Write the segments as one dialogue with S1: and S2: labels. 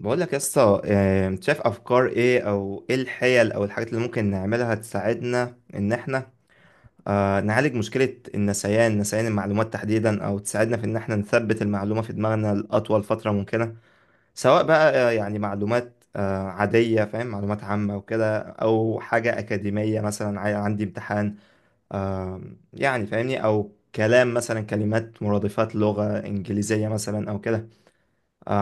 S1: بقول لك يا اسطى انت شايف افكار ايه او ايه الحيل او الحاجات اللي ممكن نعملها تساعدنا ان احنا نعالج مشكلة النسيان، نسيان المعلومات تحديدا، او تساعدنا في ان احنا نثبت المعلومة في دماغنا لأطول فترة ممكنة، سواء بقى يعني معلومات عادية، فاهم، معلومات عامة وكده، او حاجة أكاديمية مثلا، عندي امتحان آه، يعني، فاهمني، او كلام مثلا، كلمات مرادفات لغة إنجليزية مثلا او كده.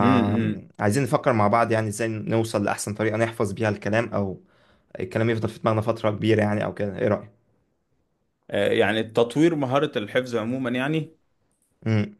S2: امم امم.
S1: عايزين نفكر مع بعض يعني ازاي نوصل لأحسن طريقة نحفظ بيها الكلام، أو الكلام يفضل في دماغنا فترة كبيرة يعني أو كده. إيه رأيك؟
S2: يعني تطوير مهارة الحفظ عموما يعني.
S1: أمم.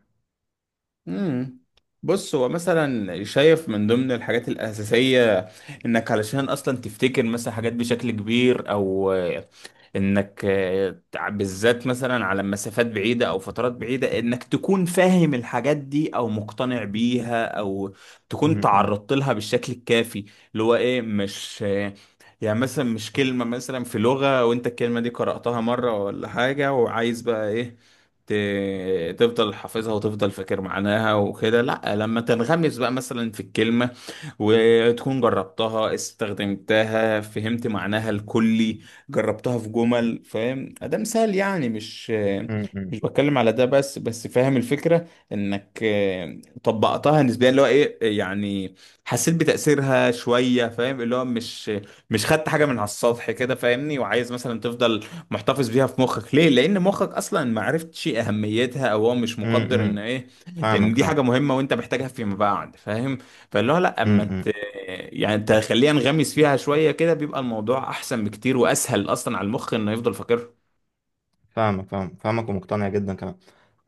S2: امم. بص هو مثلا شايف من ضمن الحاجات الأساسية انك علشان اصلا تفتكر مثلا حاجات بشكل كبير او آه، بالذات مثلا على مسافات بعيدة او فترات بعيدة انك تكون فاهم الحاجات دي او مقتنع بيها او تكون
S1: أمم. أمم.
S2: تعرضت لها بالشكل الكافي. اللي هو ايه مش آه، يعني مثلا مش كلمة مثلا في لغة وانت الكلمة دي قرأتها مرة ولا حاجة، وعايز بقى ايه تفضل حافظها وتفضل فاكر معناها وكده. لا، لما تنغمس بقى مثلا في الكلمة، وتكون جربتها استخدمتها فهمت معناها الكلي، جربتها في جمل، فاهم، ده مثال يعني. مش
S1: أمم.
S2: مش بتكلم على ده بس فاهم الفكرة، انك آه، طبقتها نسبيا، اللي هو ايه يعني حسيت بتأثيرها شوية، فاهم، اللي هو مش خدت حاجة من على السطح كده، فاهمني، وعايز مثلا تفضل محتفظ بيها في مخك. ليه؟ لان مخك اصلا ما عرفتش اهميتها، او هو مش
S1: أمم.
S2: مقدر ان
S1: أمم.
S2: ايه ان
S1: فاهمك،
S2: دي حاجة
S1: فاهم.
S2: مهمة وانت محتاجها فيما بعد، فاهم. فاللي هو لا،
S1: أمم، أمم.
S2: يعني تخليها نغمس فيها شويه كده بيبقى الموضوع احسن بكتير، واسهل اصلا على المخ انه يفضل فاكرها.
S1: فاهمك، فاهمك، فاهمك، ومقتنع جدا كمان.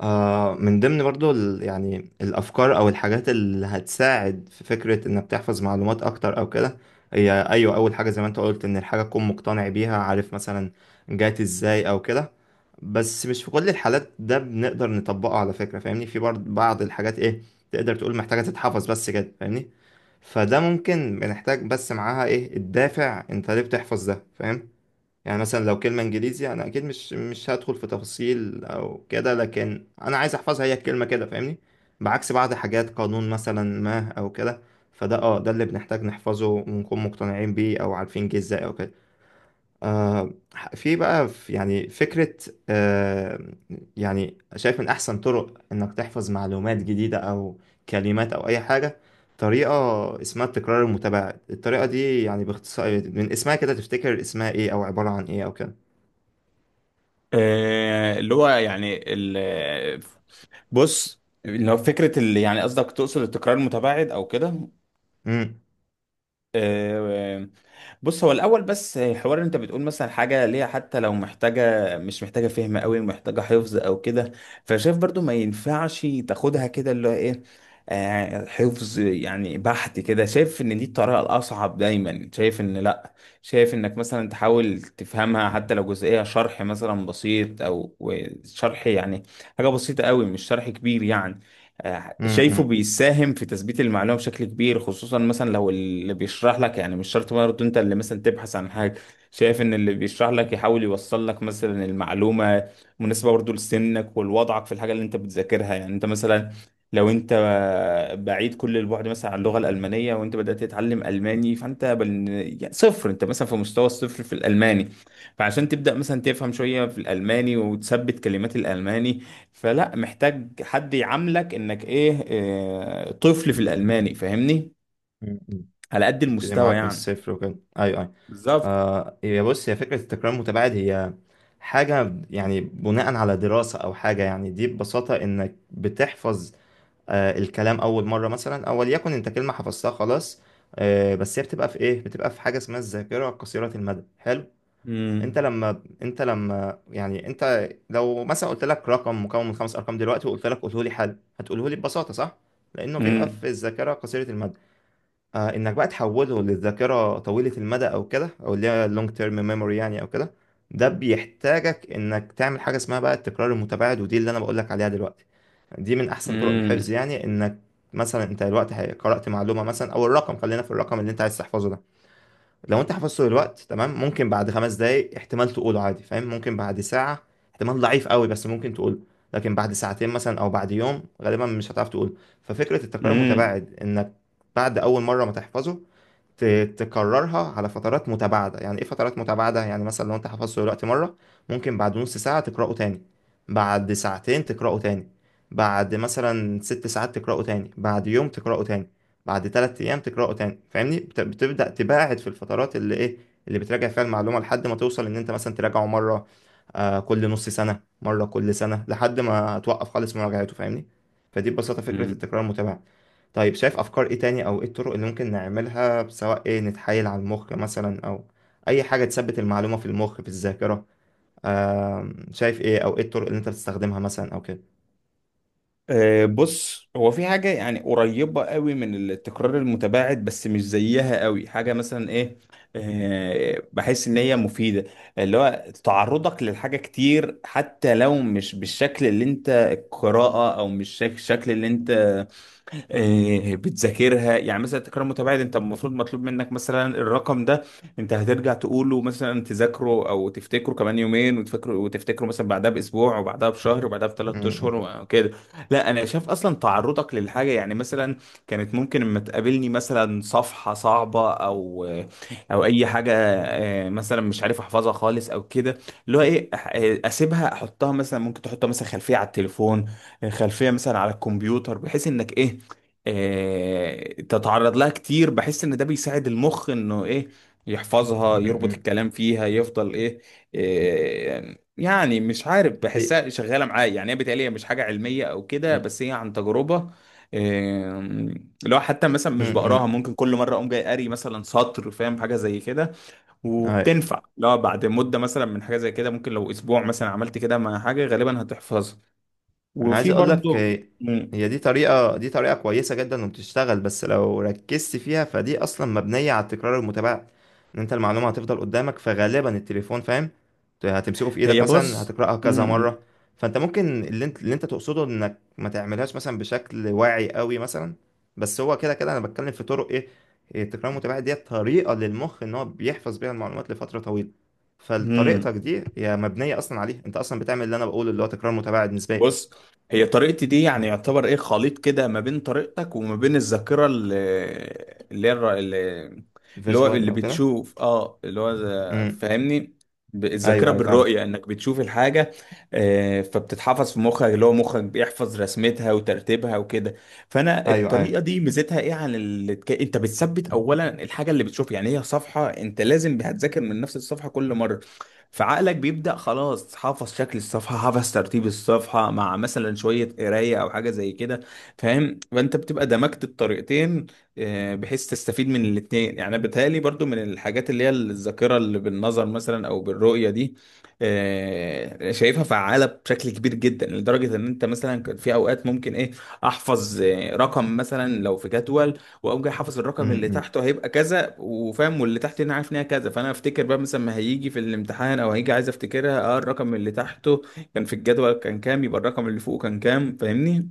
S1: آه، من ضمن برضو يعني الافكار او الحاجات اللي هتساعد في فكره انك تحفظ معلومات اكتر او كده، هي ايوه اول حاجه زي ما انت قلت، ان الحاجه تكون مقتنع بيها، عارف مثلا جات ازاي او كده. بس مش في كل الحالات ده بنقدر نطبقه، على فكره فاهمني، في برضه بعض الحاجات ايه، تقدر تقول محتاجه تتحفظ بس كده، فاهمني. فده ممكن بنحتاج بس معاها ايه الدافع، انت ليه بتحفظ ده، فاهم؟ يعني مثلا لو كلمة انجليزي انا اكيد مش هدخل في تفاصيل او كده، لكن انا عايز احفظها هي الكلمة كده فاهمني، بعكس بعض حاجات قانون مثلا ما او كده. فده ده اللي بنحتاج نحفظه ونكون مقتنعين بيه، او عارفين جه ازاي او كده. آه في بقى في يعني فكرة، آه يعني شايف من احسن طرق انك تحفظ معلومات جديدة او كلمات او اي حاجة، طريقة اسمها التكرار المتباعد. الطريقة دي يعني باختصار من اسمها كده، تفتكر اسمها ايه او عبارة عن ايه او كده؟
S2: آه، اللي هو يعني ال... بص، لو فكره اللي يعني قصدك تقصد التكرار المتباعد او كده.
S1: امم.
S2: آه، بص هو الاول بس حوار إن انت بتقول مثلا حاجه ليها، حتى لو محتاجه مش محتاجه فهم قوي، محتاجه حفظ او كده، فشايف برضو ما ينفعش تاخدها كده اللي هو ايه حفظ يعني بحت كده. شايف ان دي الطريقه الاصعب. دايما شايف ان لا، شايف انك مثلا تحاول تفهمها حتى لو جزئيه، شرح مثلا بسيط، او شرح يعني حاجه بسيطه قوي، مش شرح كبير يعني.
S1: امم.
S2: شايفه
S1: امم،
S2: بيساهم في تثبيت المعلومة بشكل كبير، خصوصا مثلا لو اللي بيشرح لك، يعني مش شرط برضه انت اللي مثلا تبحث عن حاجة، شايف ان اللي بيشرح لك يحاول يوصل لك مثلا المعلومة مناسبة برضه لسنك ولوضعك في الحاجة اللي انت بتذاكرها. يعني انت مثلا، لو انت بعيد كل البعد مثلا عن اللغة الألمانية، وانت بدأت تتعلم ألماني يعني صفر، انت مثلا في مستوى الصفر في الألماني، فعشان تبدأ مثلا تفهم شوية في الألماني وتثبت كلمات الألماني، فلا، محتاج حد يعاملك انك إيه طفل في الالماني، فاهمني،
S1: امم. امم.
S2: على قد
S1: يبتدي
S2: المستوى
S1: معاك من
S2: يعني.
S1: الصفر وكده، ايوه ايوه.
S2: بالظبط.
S1: آه، هي بص، هي فكره التكرار المتباعد هي حاجه يعني بناء على دراسه او حاجه. يعني دي ببساطه انك بتحفظ الكلام اول مره مثلا، او وليكن انت كلمه حفظتها خلاص، بس هي بتبقى في ايه، بتبقى في حاجه اسمها الذاكره قصيره المدى، حلو. انت
S2: امم
S1: لما انت لما يعني انت لو مثلا قلت لك رقم مكون من 5 ارقام دلوقتي، وقلت لك قوله لي حل، هتقوله لي ببساطه، صح؟ لانه بيبقى في
S2: امم
S1: الذاكره قصيره المدى. انك بقى تحوله للذاكره طويله المدى او كده، او اللي هي لونج تيرم ميموري يعني او كده، ده بيحتاجك انك تعمل حاجه اسمها بقى التكرار المتباعد. ودي اللي انا بقول لك عليها دلوقتي، دي من احسن طرق الحفظ،
S2: امم
S1: يعني انك مثلا انت دلوقتي قرات معلومه مثلا، او الرقم، خلينا في الرقم اللي انت عايز تحفظه ده. لو انت حفظته دلوقتي تمام، ممكن بعد 5 دقايق احتمال تقوله عادي، فاهم، ممكن بعد ساعه احتمال ضعيف قوي بس ممكن تقوله. لكن بعد ساعتين مثلا او بعد يوم غالبا مش هتعرف تقوله. ففكره التكرار
S2: امم
S1: المتباعد انك بعد اول مره ما تحفظه، تكررها على فترات متباعدة. يعني ايه فترات متباعدة؟ يعني مثلا لو انت حفظته دلوقتي مرة، ممكن بعد نص ساعة تقرأه تاني، بعد ساعتين تقرأه تاني، بعد مثلا 6 ساعات تقرأه تاني، بعد يوم تقرأه تاني، بعد 3 أيام تقرأه تاني، فاهمني، بتبدأ تباعد في الفترات اللي ايه، اللي بتراجع فيها المعلومة، لحد ما توصل ان انت مثلا تراجعه مرة كل نص سنة، مرة كل سنة، لحد ما توقف خالص مراجعته، فاهمني. فدي ببساطة فكرة
S2: أمم.
S1: التكرار المتباعد. طيب شايف افكار ايه تاني او ايه الطرق اللي ممكن نعملها، سواء ايه، نتحايل على المخ مثلا، او اي حاجة تثبت المعلومة في المخ في الذاكرة. شايف ايه او ايه الطرق اللي انت بتستخدمها مثلا او كده؟
S2: بص هو في حاجة يعني قريبة قوي من التكرار المتباعد، بس مش زيها قوي. حاجة مثلا ايه بحس ان هي مفيدة، اللي هو تعرضك للحاجة كتير، حتى لو مش بالشكل اللي انت القراءة، او مش شك- الشكل اللي انت بتذاكرها. يعني مثلا التكرار المتباعد، انت المفروض مطلوب منك مثلا الرقم ده انت هترجع تقوله، مثلا تذاكره او تفتكره كمان يومين، وتفكره وتفتكره مثلا بعدها باسبوع، وبعدها بشهر، وبعدها
S1: م-
S2: بثلاث
S1: م-
S2: اشهر وكده. لا، انا شايف اصلا تعرضك للحاجه يعني، مثلا كانت ممكن اما تقابلني مثلا صفحه صعبه، او او اي حاجه، مثلا مش عارف احفظها خالص او كده، اللي هو ايه اسيبها، احطها مثلا، ممكن تحطها مثلا خلفيه على التليفون، خلفيه مثلا على الكمبيوتر، بحيث انك ايه تتعرض لها كتير. بحس ان ده بيساعد المخ انه ايه يحفظها،
S1: م-
S2: يربط
S1: م-
S2: الكلام فيها، يفضل ايه يعني مش عارف،
S1: إيه-
S2: بحسها شغاله معايا يعني. هي بيتهيألي هي مش حاجه علميه او كده،
S1: إيه-
S2: بس هي عن تجربه. آه، لو حتى مثلا
S1: م-
S2: مش بقراها،
S1: م.
S2: ممكن كل مره اقوم جاي قاري مثلا سطر، فاهم، حاجه زي كده،
S1: أي.
S2: وبتنفع. لو بعد مده مثلا من حاجه زي كده، ممكن لو اسبوع مثلا عملت كده مع حاجه، غالبا هتحفظها.
S1: انا عايز
S2: وفي
S1: اقول لك
S2: برضو
S1: هي
S2: مم.
S1: دي طريقة، دي طريقة كويسة جدا وبتشتغل، بس لو ركزت فيها، فدي اصلا مبنية على التكرار المتابعة. ان انت المعلومة هتفضل قدامك، فغالبا التليفون فاهم هتمسكه في ايدك
S2: هي
S1: مثلا،
S2: بص.
S1: هتقرأها كذا مرة. فانت ممكن اللي انت تقصده انك ما تعملهاش مثلا بشكل واعي قوي مثلا، بس هو كده كده انا بتكلم في طرق ايه، إيه، التكرار المتابعة دي طريقة للمخ ان هو بيحفظ بيها المعلومات لفترة طويلة. فطريقتك
S2: امم.
S1: دي هي مبنية اصلا عليها، انت اصلا بتعمل اللي انا بقوله، اللي هو تكرار متابعة نسبية.
S2: بص هي طريقتي دي يعني يعتبر ايه خليط كده، ما بين طريقتك وما بين الذاكره اللي هي اللي هو
S1: فيجوال
S2: اللي
S1: او كده.
S2: بتشوف، اه، اللي هو
S1: امم.
S2: فاهمني، الذاكره
S1: ايوه ايوه فاهم.
S2: بالرؤيه، انك بتشوف الحاجه. آه، فبتتحفظ في مخك، اللي هو مخك بيحفظ رسمتها وترتيبها وكده. فانا
S1: ايوه
S2: الطريقه
S1: ايوه.
S2: دي ميزتها ايه عن انت بتثبت اولا الحاجه اللي بتشوفها. يعني هي صفحه، انت لازم هتذاكر من نفس الصفحه كل مره، فعقلك بيبدأ خلاص حافظ شكل الصفحة، حافظ ترتيب الصفحة، مع مثلا شوية قراية أو حاجة زي كده، فاهم، فأنت بتبقى دمجت الطريقتين، بحيث تستفيد من الاتنين. يعني بيتهيألي برضو من الحاجات اللي هي الذاكرة اللي بالنظر مثلا أو بالرؤية دي، شايفها فعالة بشكل كبير جدا، لدرجة إن أنت مثلا كان في أوقات ممكن إيه أحفظ رقم مثلا لو في جدول، واقوم جاي حافظ الرقم اللي
S1: امم.
S2: تحته هيبقى كذا، وفاهم واللي تحت هنا عارف ان هي كذا، فانا افتكر بقى مثلا ما هيجي في الامتحان، او هيجي عايز افتكرها، الرقم اللي تحته كان في الجدول كان كام، يبقى الرقم اللي فوقه كان كام، فاهمني.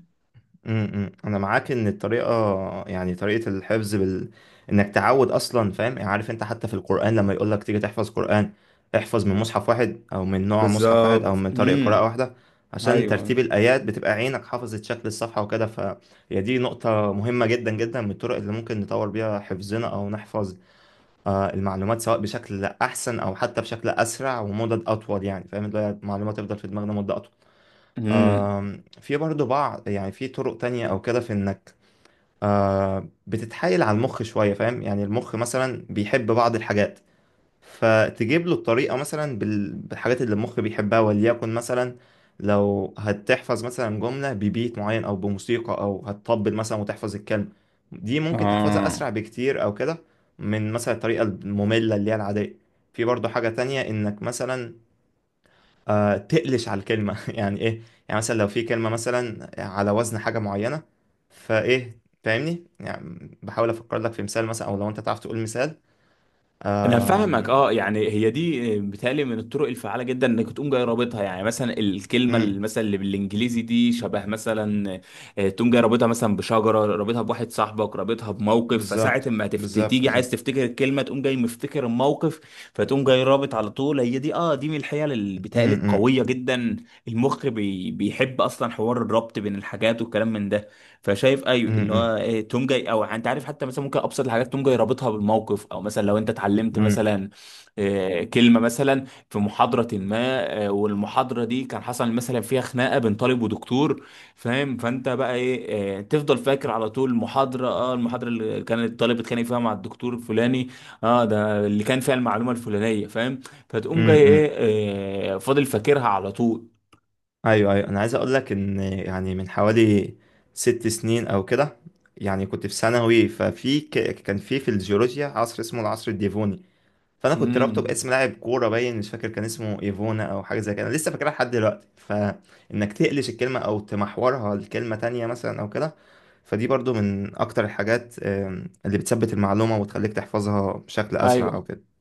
S1: امم، انا معاك ان الطريقه، يعني طريقه الحفظ بال... انك تعود اصلا فاهم، يعني عارف انت حتى في القران، لما يقول لك تيجي تحفظ قران، احفظ من مصحف واحد او من نوع مصحف واحد او
S2: بالظبط.
S1: من طريقه قراءه
S2: امم.
S1: واحده، عشان ترتيب
S2: ايوه.
S1: الايات بتبقى عينك حافظت شكل الصفحه وكده. فهي دي نقطه مهمه جدا جدا من الطرق اللي ممكن نطور بيها حفظنا، او نحفظ المعلومات سواء بشكل احسن، او حتى بشكل اسرع ومدد اطول، يعني فاهم، اللي هي المعلومات تفضل في دماغنا مده اطول.
S2: امم.
S1: في برضو بعض يعني، في طرق تانية او كده، في انك بتتحايل على المخ شويه، فاهم، يعني المخ مثلا بيحب بعض الحاجات، فتجيب له الطريقة مثلا بالحاجات اللي المخ بيحبها. وليكن مثلا لو هتحفظ مثلا جملة ببيت معين أو بموسيقى، أو هتطبل مثلا وتحفظ الكلمة، دي ممكن تحفظها
S2: اه،
S1: أسرع بكتير أو كده، من مثلا الطريقة المملة اللي هي العادية. في برضه حاجة تانية إنك مثلا تقلش على الكلمة يعني إيه، يعني مثلا لو في كلمة مثلا على وزن حاجة معينة، فإيه فاهمني، يعني بحاول أفكر لك في مثال مثلا، أو لو أنت تعرف تقول مثال.
S2: انا فاهمك. اه، يعني هي دي بتالي من الطرق الفعاله جدا، انك تقوم جاي رابطها، يعني مثلا الكلمه
S1: أمم.
S2: مثلا اللي بالانجليزي دي شبه مثلا تقوم جاي رابطها مثلا بشجره، رابطها بواحد صاحبك، رابطها بموقف، فساعه
S1: بالظبط،
S2: ما
S1: بالظبط،
S2: تيجي عايز
S1: بالظبط.
S2: تفتكر الكلمه تقوم جاي مفتكر الموقف، فتقوم جاي رابط على طول. هي دي، اه، دي من الحيل اللي
S1: م-
S2: بتالي
S1: م-
S2: القويه جدا. المخ بيحب اصلا حوار الربط بين الحاجات والكلام من ده. فشايف، ايوه، اللي
S1: م-
S2: هو إيه توم جاي، او انت عارف، حتى مثلا ممكن ابسط الحاجات توم جاي رابطها بالموقف، او مثلا لو انت اتعلمت
S1: م-
S2: مثلا كلمه مثلا في محاضره ما، والمحاضره دي كان حصل مثلا فيها خناقه بين طالب ودكتور، فاهم، فانت بقى ايه تفضل فاكر على طول المحاضره اللي كان الطالب اتخانق فيها مع الدكتور الفلاني، اه ده اللي كان فيها المعلومه الفلانيه، فاهم،
S1: م-
S2: فتقوم جاي ايه
S1: م.
S2: فاضل فاكرها على طول.
S1: ايوه ايوه، انا عايز اقول لك، ان يعني من حوالي 6 سنين او كده، يعني كنت في ثانوي، ففي كان في الجيولوجيا عصر اسمه العصر الديفوني، فانا كنت رابطه
S2: امم.
S1: باسم لاعب كوره، باين مش فاكر كان اسمه ايفونا او حاجه زي كده، انا لسه فاكرها لحد دلوقتي. فانك تقلش الكلمه او تمحورها لكلمه تانية مثلا او كده، فدي برضو من اكتر الحاجات اللي بتثبت المعلومه وتخليك تحفظها بشكل اسرع او
S2: ايوه.
S1: كده.